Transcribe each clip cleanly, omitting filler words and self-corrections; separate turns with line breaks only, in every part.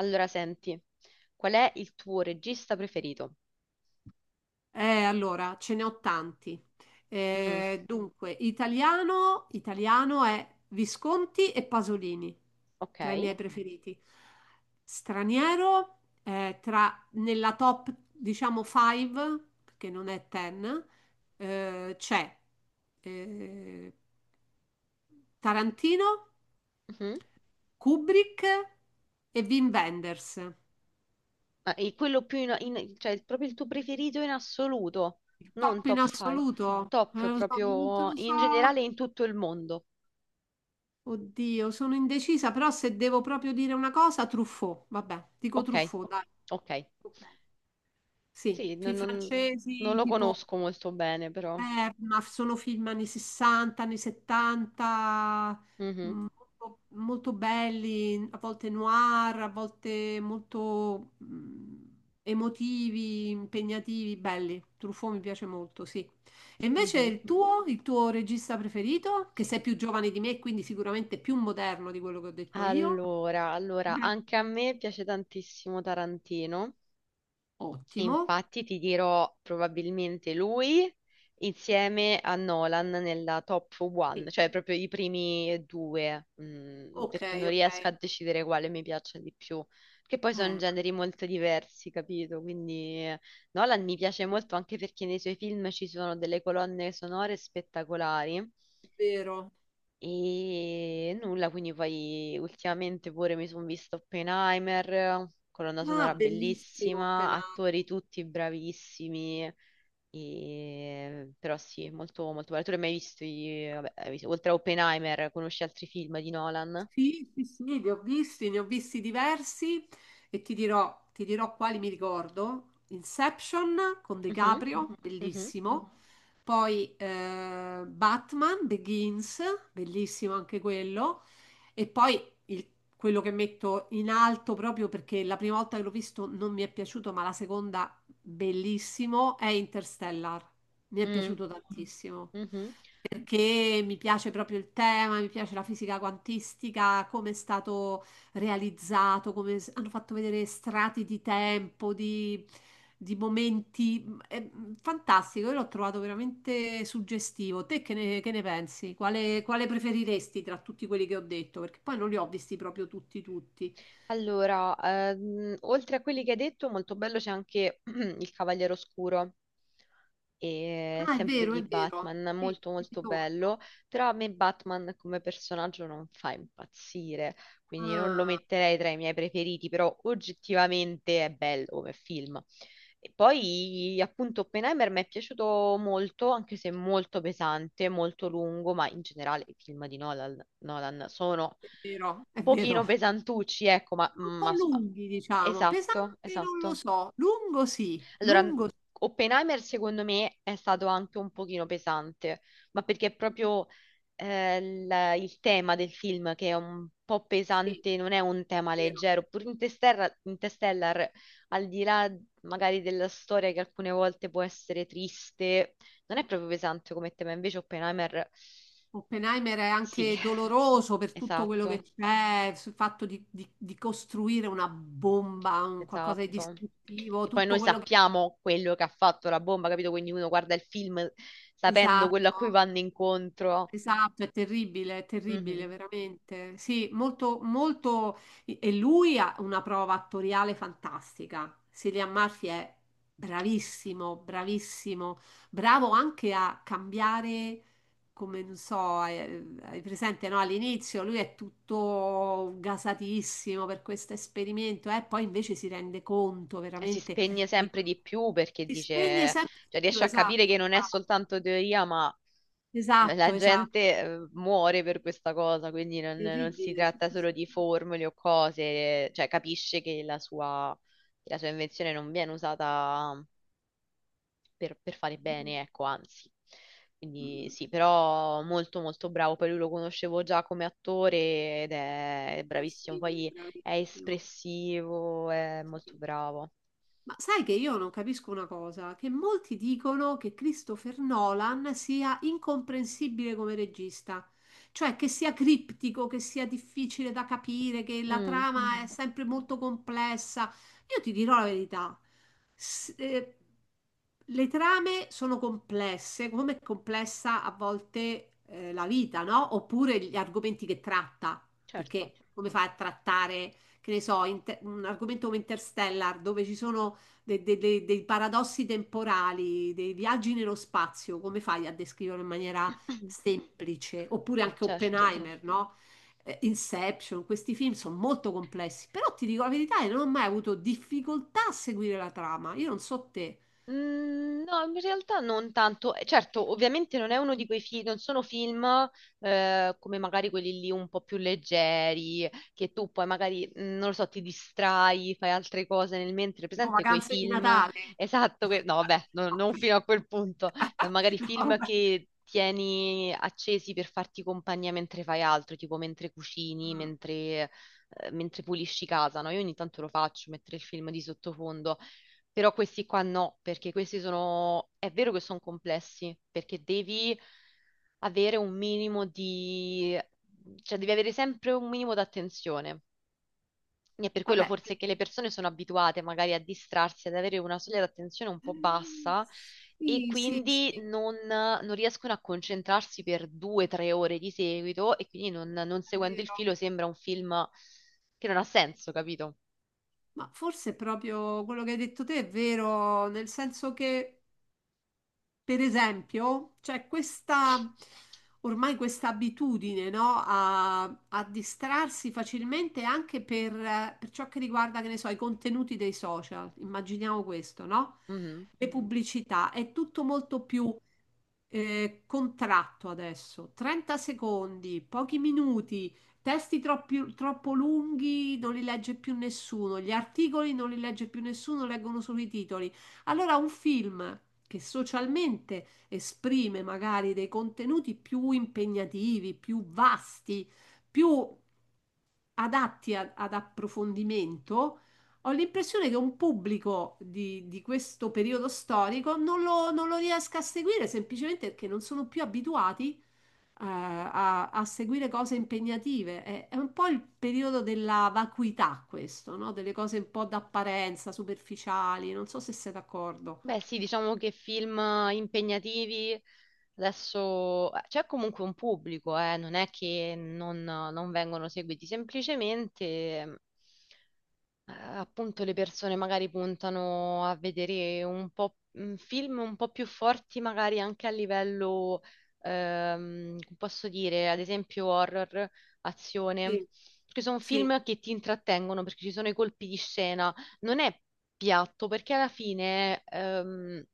Allora, senti, qual è il tuo regista preferito?
Allora, ce ne ho tanti.
Mm,
Dunque, italiano è Visconti e Pasolini, tra i
ok.
miei preferiti. Straniero, nella top, diciamo, 5, perché non è 10, c'è eh, Tarantino,
Mhm.
Kubrick e Wim Wenders.
Ah, e quello più cioè proprio il tuo preferito in assoluto,
Il
non
top in
top 5,
assoluto,
top
lo so, non te
proprio
lo so.
in generale in tutto il mondo.
Oddio, sono indecisa, però se devo proprio dire una cosa, Truffaut, vabbè, dico
Ok,
Truffaut, dai.
ok.
Ok. Sì,
Sì,
film
non
francesi,
lo
tipo.
conosco molto bene, però.
Ma sono film anni 60, anni 70,
Mhm,
molto, molto belli, a volte noir, a volte molto emotivi, impegnativi, belli. Truffaut mi piace molto, sì. E invece
mhm.
il tuo regista preferito, che sei più giovane di me, quindi sicuramente più moderno di quello che ho detto io.
Allora,
Mhm.
anche a me piace tantissimo Tarantino.
Ottimo.
Infatti ti dirò probabilmente lui insieme a Nolan nella top one,
Sì.
cioè proprio i primi due,
Ok,
perché non
ok.
riesco a decidere quale mi piace di più, che poi sono
Eh,
generi molto diversi, capito? Quindi Nolan mi piace molto anche perché nei suoi film ci sono delle colonne sonore spettacolari
vero.
e nulla, quindi poi ultimamente pure mi sono visto Oppenheimer, colonna sonora
Ah, bellissimo,
bellissima,
Penà.
attori tutti bravissimi, però sì, molto, molto bello. Tu l'hai mai visto, vabbè, oltre a Oppenheimer, conosci altri film di Nolan?
Sì, sì, sì, li ho visti, ne ho visti diversi e ti dirò quali mi ricordo. Inception con De
Mhm,
Caprio,
mhm,
bellissimo. Poi Batman Begins, bellissimo anche quello. E poi quello che metto in alto proprio perché la prima volta che l'ho visto non mi è piaciuto, ma la seconda bellissimo è Interstellar. Mi è
mm,
piaciuto tantissimo
mhm.
perché mi piace proprio il tema, mi piace la fisica quantistica, come è stato realizzato, come hanno fatto vedere strati di tempo, di momenti. È fantastico, io l'ho trovato veramente suggestivo. Te che ne pensi? Quale preferiresti tra tutti quelli che ho detto? Perché poi non li ho visti proprio tutti, tutti.
Allora, oltre a quelli che hai detto, molto bello c'è anche il Cavaliere Oscuro, e
Ah, è
sempre
vero,
di
è vero.
Batman,
Sì,
molto
ti
molto
ritorno.
bello, però a me Batman come personaggio non fa impazzire, quindi non lo
Ah,
metterei tra i miei preferiti, però oggettivamente è bello come film. E poi appunto Oppenheimer mi è piaciuto molto, anche se molto pesante, molto lungo, ma in generale i film di Nolan, Nolan sono
è vero,
un
è vero.
pochino pesantucci, ecco, ma,
Un po'
ma
lunghi, diciamo.
esatto,
Pesante non lo
esatto.
so,
Allora,
lungo
Oppenheimer secondo me è stato anche un pochino pesante, ma perché è proprio il tema del film che è un po'
sì,
pesante, non è un tema
vero.
leggero. Pure Interstellar, Interstellar, al di là magari della storia che alcune volte può essere triste, non è proprio pesante come tema, invece Oppenheimer
Oppenheimer è
sì,
anche doloroso per tutto quello
esatto.
che c'è, sul fatto di costruire una bomba, un qualcosa di
Esatto.
distruttivo,
Che poi noi
tutto quello che.
sappiamo quello che ha fatto la bomba, capito? Quindi uno guarda il film sapendo quello a cui
Esatto,
vanno incontro.
esatto, è terribile,
Mhm.
veramente. Sì, molto, molto. E lui ha una prova attoriale fantastica. Cillian Murphy è bravissimo, bravissimo, bravo anche a cambiare, come non so, hai presente, no? All'inizio lui è tutto gasatissimo per questo esperimento, e poi invece si rende conto
E si
veramente
spegne
di
sempre
quello
di più perché
si spegne
dice,
sempre di
cioè
più,
riesce a
esatto,
capire che non è
brava.
soltanto teoria, ma
Esatto,
la
esatto.
gente muore per questa cosa, quindi non si
Terribile, sì,
tratta
sì,
solo di
sì.
formule o cose, cioè capisce che la sua invenzione non viene usata per fare bene, ecco, anzi. Quindi
Mm,
sì, però molto molto bravo, poi lui lo conoscevo già come attore ed è
eh
bravissimo,
sì, lui è
poi è
bravissimo,
espressivo, è molto
sì.
bravo.
Ma sai che io non capisco una cosa, che molti dicono che Christopher Nolan sia incomprensibile come regista, cioè che sia criptico, che sia difficile da capire, che la
Mm,
trama è sempre molto complessa. Io ti dirò la verità, s- eh, le trame sono complesse, come è complessa a volte la vita, no? Oppure gli argomenti che tratta, perché
certo.
come fai a trattare, che ne so, un argomento come Interstellar, dove ci sono dei paradossi temporali, dei viaggi nello spazio, come fai a descriverlo in maniera semplice? Oppure anche
Certo.
Oppenheimer, no? Inception, questi film sono molto complessi, però ti dico la verità, io non ho mai avuto difficoltà a seguire la trama. Io non so te,
Mm, no, in realtà non tanto. Certo, ovviamente non è uno di quei film, non sono film come magari quelli lì un po' più leggeri, che tu poi magari, non lo so, ti distrai, fai altre cose nel mentre.
tipo
Presente quei
Vacanze di
film,
Natale.
esatto, no, vabbè,
Ok.
non fino a quel punto, magari
No,
film
vabbè.
che tieni accesi per farti compagnia mentre fai altro, tipo mentre cucini,
Mm,
mentre pulisci casa, no? Io ogni tanto lo faccio, mettere il film di sottofondo però questi qua no, perché questi sono, è vero che sono complessi, perché devi avere un minimo di, cioè devi avere sempre un minimo d'attenzione. E per quello
vabbè.
forse che le persone sono abituate magari a distrarsi, ad avere una soglia d'attenzione un po' bassa e
Sì, sì,
quindi
sì,
non riescono a concentrarsi per 2 o 3 ore di seguito e quindi non
è
seguendo il
vero.
filo sembra un film che non ha senso, capito?
Ma forse proprio quello che hai detto te è vero, nel senso che per esempio, c'è questa, ormai questa abitudine, no? A distrarsi facilmente anche per ciò che riguarda, che ne so, i contenuti dei social. Immaginiamo questo, no?
Mhm.
Le pubblicità, è tutto molto più contratto adesso. 30 secondi, pochi minuti, testi troppo lunghi non li legge più nessuno, gli articoli non li legge più nessuno, leggono solo i titoli. Allora un film che socialmente esprime magari dei contenuti più impegnativi, più vasti, più adatti ad approfondimento, ho l'impressione che un pubblico di questo periodo storico non lo riesca a seguire semplicemente perché non sono più abituati, a seguire cose impegnative. È un po' il periodo della vacuità questo, no? Delle cose un po' d'apparenza, superficiali, non so se sei d'accordo.
Beh, sì, diciamo che film impegnativi adesso c'è comunque un pubblico, non è che non vengono seguiti, semplicemente appunto le persone magari puntano a vedere un po' film un po' più forti, magari anche a livello, come posso dire, ad esempio horror, azione,
Sì,
perché sono
sì, è
film che ti intrattengono, perché ci sono i colpi di scena, non è piatto, perché alla fine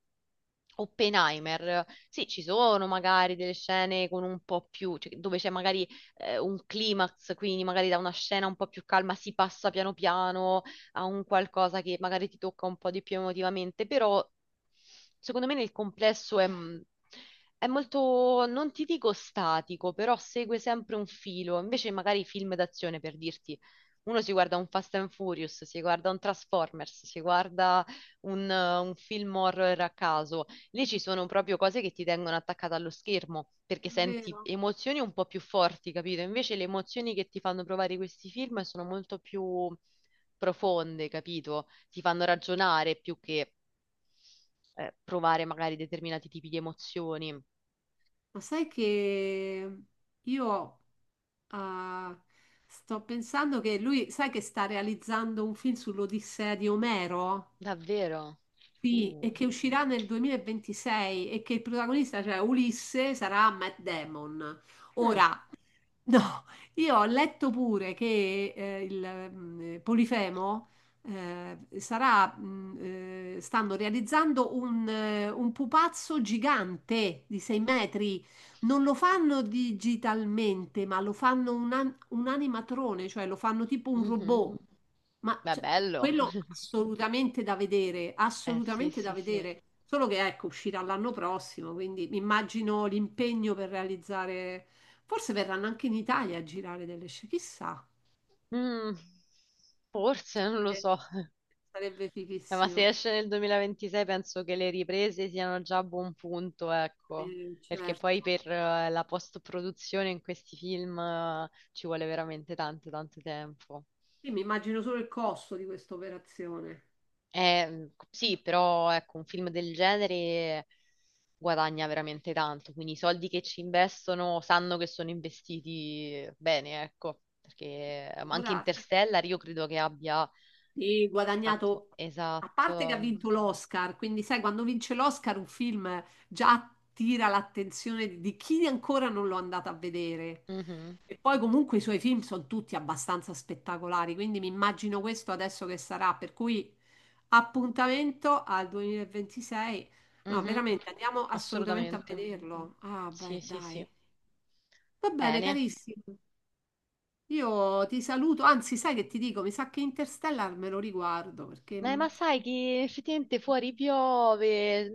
Oppenheimer, sì, ci sono magari delle scene con un po' più, cioè, dove c'è magari un climax, quindi magari da una scena un po' più calma si passa piano piano a un qualcosa che magari ti tocca un po' di più emotivamente, però secondo me nel complesso è molto, non ti dico statico, però segue sempre un filo. Invece magari i film d'azione, per dirti, uno si guarda un Fast and Furious, si guarda un Transformers, si guarda un film horror a caso. Lì ci sono proprio cose che ti tengono attaccata allo schermo, perché senti
vero.
emozioni un po' più forti, capito? Invece le emozioni che ti fanno provare questi film sono molto più profonde, capito? Ti fanno ragionare più che provare magari determinati tipi di emozioni.
Ma sai che io ah, sto pensando che lui, sai che sta realizzando un film sull'Odissea di Omero?
Davvero?
Sì,
Uh.
e che uscirà nel 2026 e che il protagonista, cioè Ulisse, sarà Matt Damon.
Mm.
Ora, no, io ho letto pure che il Polifemo sarà, stanno realizzando un pupazzo gigante di 6 metri. Non lo fanno digitalmente, ma lo fanno un animatrone, cioè lo fanno tipo un
Mhm.
robot. Ma
Beh,
cioè,
bello.
quello assolutamente da vedere,
Eh sì,
assolutamente
sì,
da
sì.
vedere. Solo che ecco, uscirà l'anno prossimo, quindi mi immagino l'impegno per realizzare. Forse verranno anche in Italia a girare delle scene, chissà.
Mm, forse, non lo
Sarebbe
so.
sarebbe
Ma se
fighissimo.
esce nel 2026 penso che le riprese siano già a buon punto, ecco. Perché poi
Certo.
per la post-produzione in questi film ci vuole veramente tanto, tanto tempo.
Sì, mi immagino solo il costo di questa operazione.
Sì, però ecco, un film del genere guadagna veramente tanto, quindi i soldi che ci investono sanno che sono investiti bene, ecco, perché anche
Allora,
Interstellar io credo che abbia
sì,
fatto
guadagnato, a parte che ha
esatto.
vinto l'Oscar, quindi sai, quando vince l'Oscar un film già attira l'attenzione di chi ancora non l'ho andato a vedere.
Mhm,
E poi comunque i suoi film sono tutti abbastanza spettacolari, quindi mi immagino questo adesso che sarà, per cui appuntamento al 2026. No,
mhm.
veramente, andiamo assolutamente a
Assolutamente.
vederlo. Ah,
Sì,
beh,
sì, sì.
dai. Va bene,
Bene.
carissimo. Io ti saluto, anzi, sai che ti dico, mi sa che Interstellar me lo riguardo perché
Ma
mh,
sai che effettivamente fuori piove,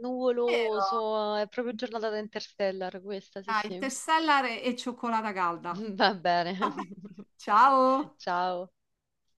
Vero?
nuvoloso, è proprio giornata da Interstellar questa, sì,
Dai,
sì.
tessella e cioccolata calda.
Va bene.
Ciao!
Ciao.